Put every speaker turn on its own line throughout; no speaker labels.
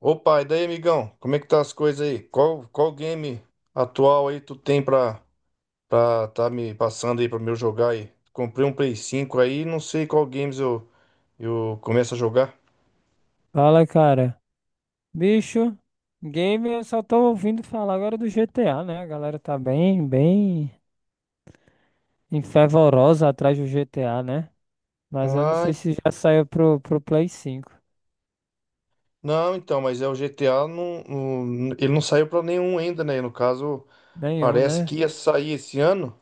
Opa, e daí, amigão? Como é que tá as coisas aí? Qual game atual aí tu tem pra tá me passando aí pra eu jogar aí? Comprei um Play 5 aí, não sei qual games eu começo a jogar.
Fala, cara. Bicho, game eu só tô ouvindo falar agora do GTA, né? A galera tá bem, bem fervorosa atrás do GTA, né? Mas eu não sei
Ah,
se já saiu pro Play cinco.
não, então, mas é o GTA, ele não saiu pra nenhum ainda, né? No caso,
Nenhum,
parece
né?
que ia sair esse ano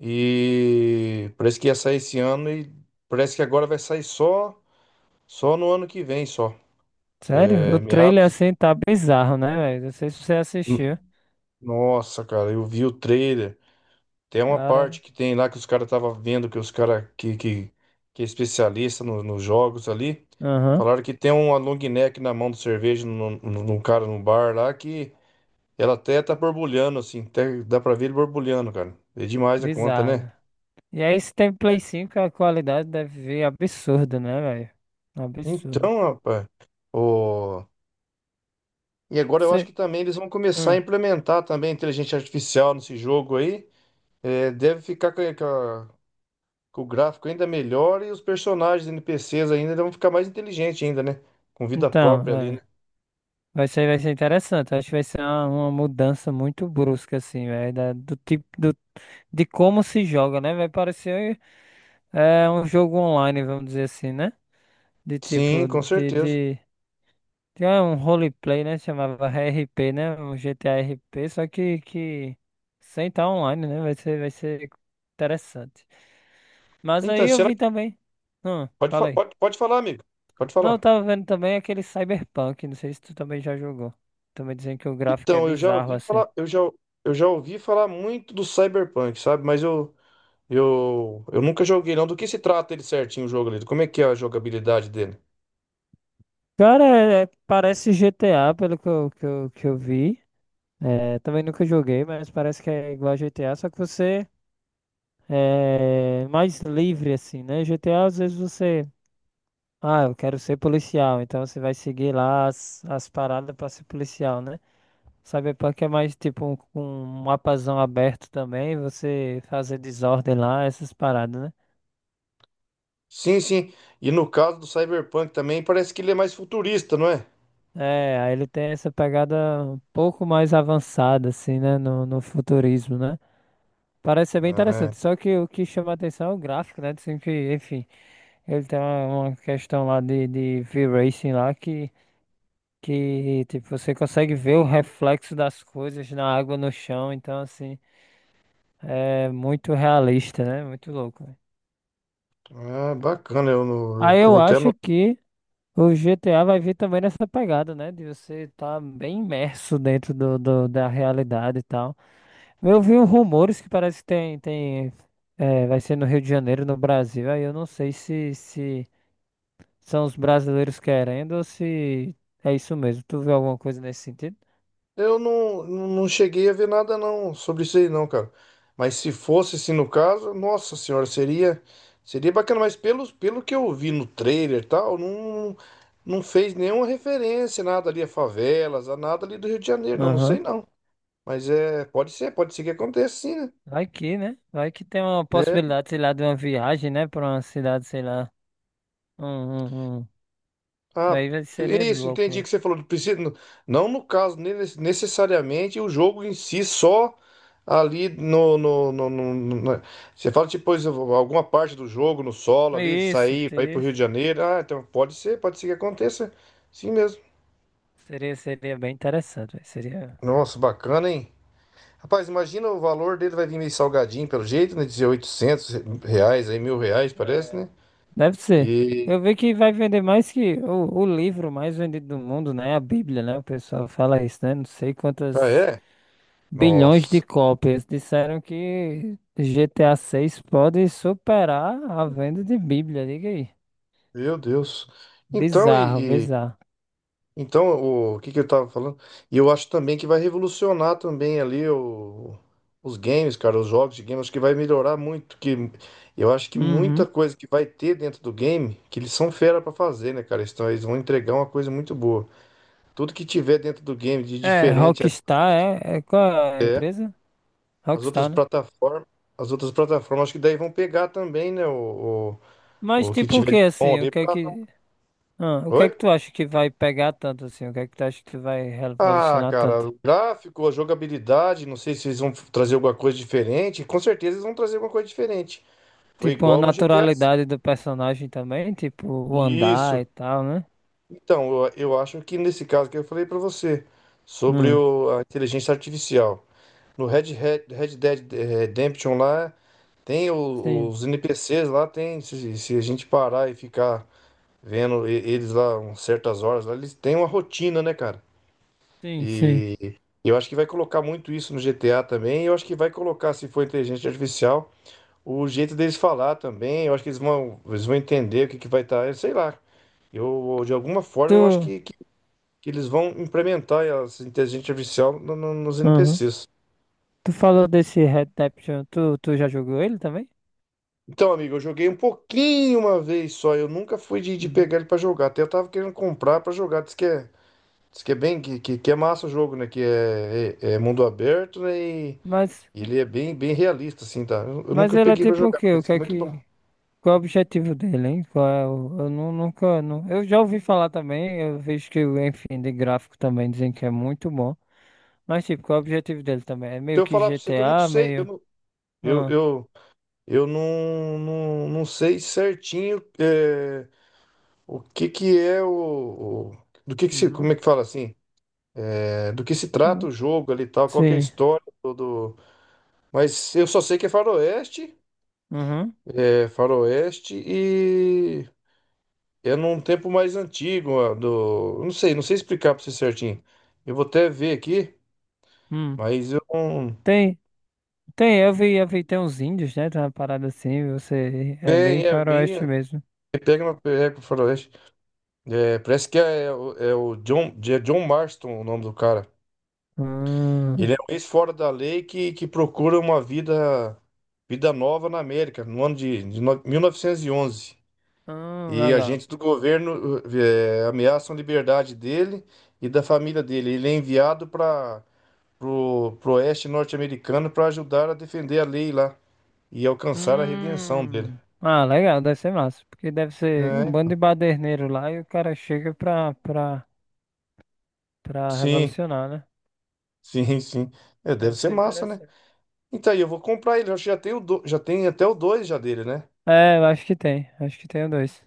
e parece que agora vai sair só no ano que vem, só.
Sério? O
É,
trailer
meados
assim tá bizarro, né, velho? Não sei se você assistiu.
de. Nossa, cara, eu vi o trailer. Tem uma
Cara,
parte que tem lá que os caras estavam vendo que os caras que é especialista nos jogos ali,
aham,
falaram que tem uma long neck na mão do cerveja num cara no bar lá que ela até tá borbulhando assim, até dá pra ver ele borbulhando, cara. É demais a conta,
bizarro,
né?
velho. E aí, se tem Play 5 a qualidade deve vir absurda, né, velho? Absurdo.
Então, rapaz, o... e agora eu acho
Você...
que também eles vão começar a
Hum.
implementar também a inteligência artificial nesse jogo aí. É, deve ficar com o gráfico ainda melhor e os personagens NPCs ainda vão ficar mais inteligentes ainda, né? Com vida
Então,
própria ali, né?
é. Vai ser interessante. Acho que vai ser uma mudança muito brusca, assim, velho. Do tipo de como se joga, né? Vai parecer é, um jogo online, vamos dizer assim, né? De
Sim,
tipo,
com
de,
certeza.
de, de é, um roleplay, né? Chamava RP, né? Um GTA RP, só que sem estar online, né? Vai ser interessante. Mas aí
Então,
eu
será
vi
que
também.
pode,
Fala
fa-
aí.
pode, pode falar, amigo? Pode
Não, eu
falar.
tava vendo também aquele Cyberpunk. Não sei se tu também já jogou. Também dizem que o gráfico é
Então,
bizarro, assim.
eu já ouvi falar muito do Cyberpunk, sabe? Mas eu nunca joguei não. Do que se trata ele certinho o jogo ali? Como é que é a jogabilidade dele?
Cara, parece GTA, pelo que eu, que eu vi. É, também nunca joguei, mas parece que é igual a GTA, só que você é mais livre, assim, né? GTA, às vezes você. Ah, eu quero ser policial, então você vai seguir lá as, as paradas pra ser policial, né? Cyberpunk é mais tipo um mapazão aberto também, você fazer desordem lá, essas paradas, né?
Sim, sim. E no caso do Cyberpunk também parece que ele é mais futurista, não é?
É, aí ele tem essa pegada um pouco mais avançada, assim, né? No futurismo, né? Parece ser bem
Ah, é.
interessante. Só que o que chama a atenção é o gráfico, né? Sempre, enfim, ele tem uma questão lá de V-Racing lá que tipo, você consegue ver o reflexo das coisas na água, no chão. Então, assim, é muito realista, né? Muito louco, né?
Ah, bacana. Eu, não- eu,
Aí
eu
eu
vou até.
acho que o GTA vai vir também nessa pegada, né? De você estar bem imerso dentro da realidade e tal. Eu vi uns rumores que parece que tem, vai ser no Rio de Janeiro, no Brasil. Aí eu não sei se são os brasileiros querendo ou se é isso mesmo. Tu viu alguma coisa nesse sentido?
Eu não cheguei a ver nada não sobre isso aí não, cara. Mas se fosse assim no caso, nossa senhora, seria bacana, mas pelo que eu vi no trailer e tal, não, não fez nenhuma referência, nada ali a favelas, a nada ali do Rio de Janeiro, não, não
Aham.
sei não. Mas é, pode ser que aconteça sim, né?
Vai que, né? Vai que tem uma
Né?
possibilidade, sei lá, de uma viagem, né? Pra uma cidade, sei lá. Um, um, um.
Ah,
Aí
é
seria
isso, entendi o
louco.
que você falou. Precisa, não no caso, necessariamente o jogo em si, só ali. Você fala, tipo, pois, alguma parte do jogo, no solo ali,
Isso,
sair para ir pro Rio de
isso.
Janeiro. Ah, então pode ser que aconteça. Sim mesmo.
Seria bem interessante. Véi. Seria.
Nossa, bacana, hein? Rapaz, imagina o valor dele vai vir meio salgadinho pelo jeito, né? Dizer R$ 800, aí R$ 1.000, parece,
É,
né?
deve ser.
E.
Eu vi que vai vender mais que o livro mais vendido do mundo, né? A Bíblia, né? O pessoal fala isso, né? Não sei
Ah,
quantas
é?
bilhões de
Nossa,
cópias. Disseram que GTA 6 pode superar a venda de Bíblia, diga aí.
meu Deus. Então,
Bizarro, bizarro.
Então, que eu tava falando? E eu acho também que vai revolucionar também ali os games, cara, os jogos de game, acho que vai melhorar muito, que eu acho que muita
Uhum.
coisa que vai ter dentro do game, que eles são fera pra fazer, né, cara? Eles vão entregar uma coisa muito boa. Tudo que tiver dentro do game de
É,
diferente,
Rockstar, é qual é a empresa?
as outras
Rockstar, né?
plataformas, as outras plataformas, acho que daí vão pegar também, né, o,
Mas
o, o que
tipo o
tiver
que
de bom
assim? O
ali
que é
pra.
que. Ah, o que
Oi?
é que tu acha que vai pegar tanto assim? O que é que tu acha que vai
Ah,
revolucionar tanto?
cara, o gráfico, a jogabilidade, não sei se eles vão trazer alguma coisa diferente. Com certeza eles vão trazer alguma coisa diferente. Foi
Tipo, a
igual no GTA.
naturalidade do personagem também, tipo, o andar e
Isso.
tal, né?
Então, eu acho que nesse caso que eu falei pra você sobre
Hum,
a inteligência artificial. No Red Dead Redemption lá, tem
sim,
os NPCs lá, tem. Se a gente parar e ficar vendo eles lá umas certas horas, lá, eles têm uma rotina, né, cara?
sim, sim.
Eu acho que vai colocar muito isso no GTA também. Eu acho que vai colocar, se for inteligência artificial, o jeito deles falar também. Eu acho que eles vão entender o que vai estar. Sei lá. Eu, de alguma forma, eu acho
Tu,
que eles vão implementar essa inteligência artificial nos
uhum.
NPCs.
Tu falou desse Redemption, tu já jogou ele também?
Então, amigo, eu joguei um pouquinho uma vez só. Eu nunca fui de
Uhum.
pegar ele pra jogar. Até eu tava querendo comprar pra jogar. Diz que é bem, que é massa o jogo, né? Que é mundo aberto, né? E
Mas,
Ele é bem, bem realista, assim, tá? Eu
mas
nunca
ele é
peguei pra
tipo o
jogar,
quê? O
mas
que
é
é
muito bom.
que, qual é o objetivo dele, hein? Qual é o, eu nunca, eu já ouvi falar também, eu vejo que, enfim, de gráfico também dizem que é muito bom. Mas, tipo, qual é o objetivo dele também? É
Se
meio
eu
que
falar pra você que eu não
GTA,
sei,
meio...
eu,
Ah.
eu, eu não, não, não sei certinho o que que é o- do que se,
Uhum.
como é que fala assim? É, do que se trata
Hum,
o jogo ali e tal, qual que é a
sim.
história. Mas eu só sei que é faroeste,
Uhum.
é faroeste e é num tempo mais antigo, ó, eu não sei, não sei explicar pra você certinho. Eu vou até ver aqui,
Hum.
mas eu não.
Tem, tem, eu vi, tem uns índios, né? Tem uma parada assim, você é bem
É bem.
faroeste mesmo.
Pega uma com o faroeste. É, parece que é John Marston o nome do cara.
Hum,
Ele é um ex-fora da lei que procura uma vida nova na América, no ano de 1911. E onze. E
legal.
agentes do governo ameaçam a liberdade dele e da família dele. Ele é enviado para o oeste norte-americano para ajudar a defender a lei lá e alcançar a redenção dele.
Hum. Ah, legal, deve ser massa, porque deve ser um bando
É,
de baderneiro lá e o cara chega pra
sim.
revolucionar, né?
Sim, sim. É, deve
Deve
ser
ser
massa, né?
interessante.
Então aí, eu vou comprar ele. Eu acho que já tem já tem até o 2 já dele, né?
É, eu acho que tem dois.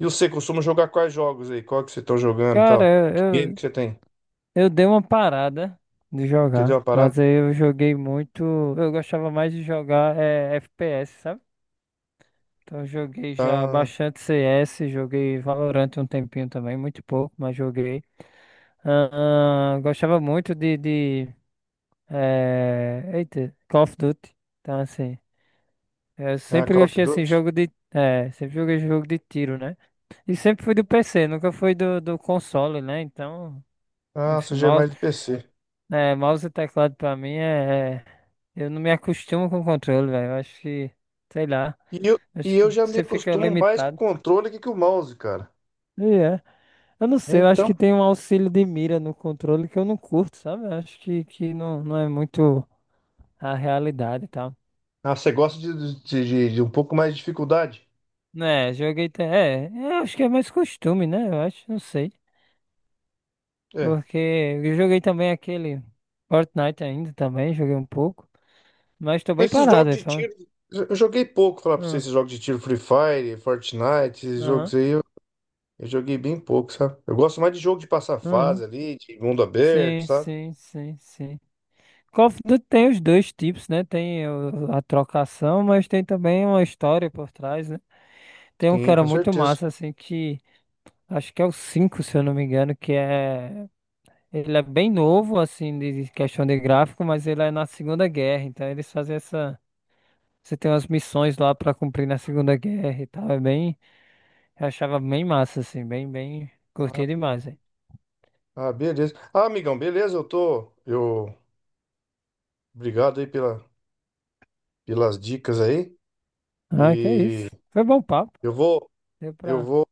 E você costuma jogar quais jogos aí? Qual que vocês estão jogando e
Cara,
tal? Que
eu,
game
eu,
que você tem?
eu dei uma parada de
Entendeu
jogar,
a parada?
mas aí eu joguei muito, eu gostava mais de jogar é, FPS, sabe? Então, eu joguei já
Ah,
bastante CS, joguei Valorant um tempinho também, muito pouco, mas joguei. Ah, ah, gostava muito de eita, Call of Duty. Então, assim, eu
ah,
sempre
Call of
gostei assim,
Duty?
jogo de. É, sempre joguei jogo de tiro, né? E sempre fui do PC, nunca fui do console, né? Então,
Ah,
enfim,
você já é
mouse,
mais de PC.
né, mouse e teclado pra mim é. Eu não me acostumo com o controle, velho. Eu acho que, sei lá,
E eu, e
acho
eu
que
já me
você fica
acostumo mais com o
limitado.
controle que com o mouse, cara.
E é. Eu não
É,
sei, eu acho que
então.
tem um auxílio de mira no controle que eu não curto, sabe? Eu acho que não, não é muito a realidade e tal.
Ah, você gosta de um pouco mais de dificuldade?
Né, joguei. É, eu acho que é mais costume, né? Eu acho, não sei.
É.
Porque eu joguei também aquele Fortnite ainda também, joguei um pouco. Mas tô bem
Mas esses jogos
parado, aí,
de
fala.
tiro. Eu joguei pouco, falar pra vocês,
Ah,
esses jogos de tiro Free Fire, Fortnite, esses
aham,
jogos aí. Eu joguei bem pouco, sabe? Eu gosto mais de jogo de passar
aham.
fase ali, de mundo aberto,
Sim,
sabe?
sim, sim, sim. Call of Duty tem os dois tipos, né? Tem a trocação, mas tem também uma história por trás, né? Tem um que
Sim,
era
com
muito
certeza.
massa, assim, que acho que é o 5 se eu não me engano, que é. Ele é bem novo, assim, de questão de gráfico, mas ele é na Segunda Guerra, então eles fazem essa. Você tem umas missões lá pra cumprir na Segunda Guerra e tal. É bem. Eu achava bem massa, assim, bem, bem. Curti
Ah,
demais, hein?
ah, beleza. Ah, amigão, beleza, eu tô. Eu. Obrigado aí pelas dicas aí.
Ah, que é
E
isso. Foi bom papo.
eu vou.
Deu
Eu
pra.
vou.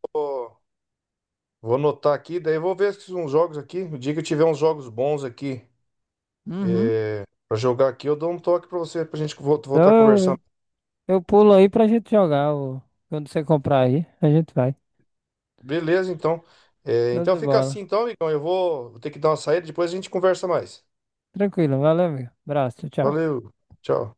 Vou anotar aqui, daí eu vou ver se uns jogos aqui. O dia que eu tiver uns jogos bons aqui
Uhum.
para jogar aqui, eu dou um toque pra você, pra gente voltar a
Então
conversar.
eu pulo aí pra gente jogar. Quando você comprar aí, a gente vai.
Beleza, então. É,
Show
então
de
fica assim,
bola.
então, amigão. Eu vou ter que dar uma saída, depois a gente conversa mais.
Tranquilo, valeu, amigo. Abraço, tchau. Tchau.
Valeu, tchau.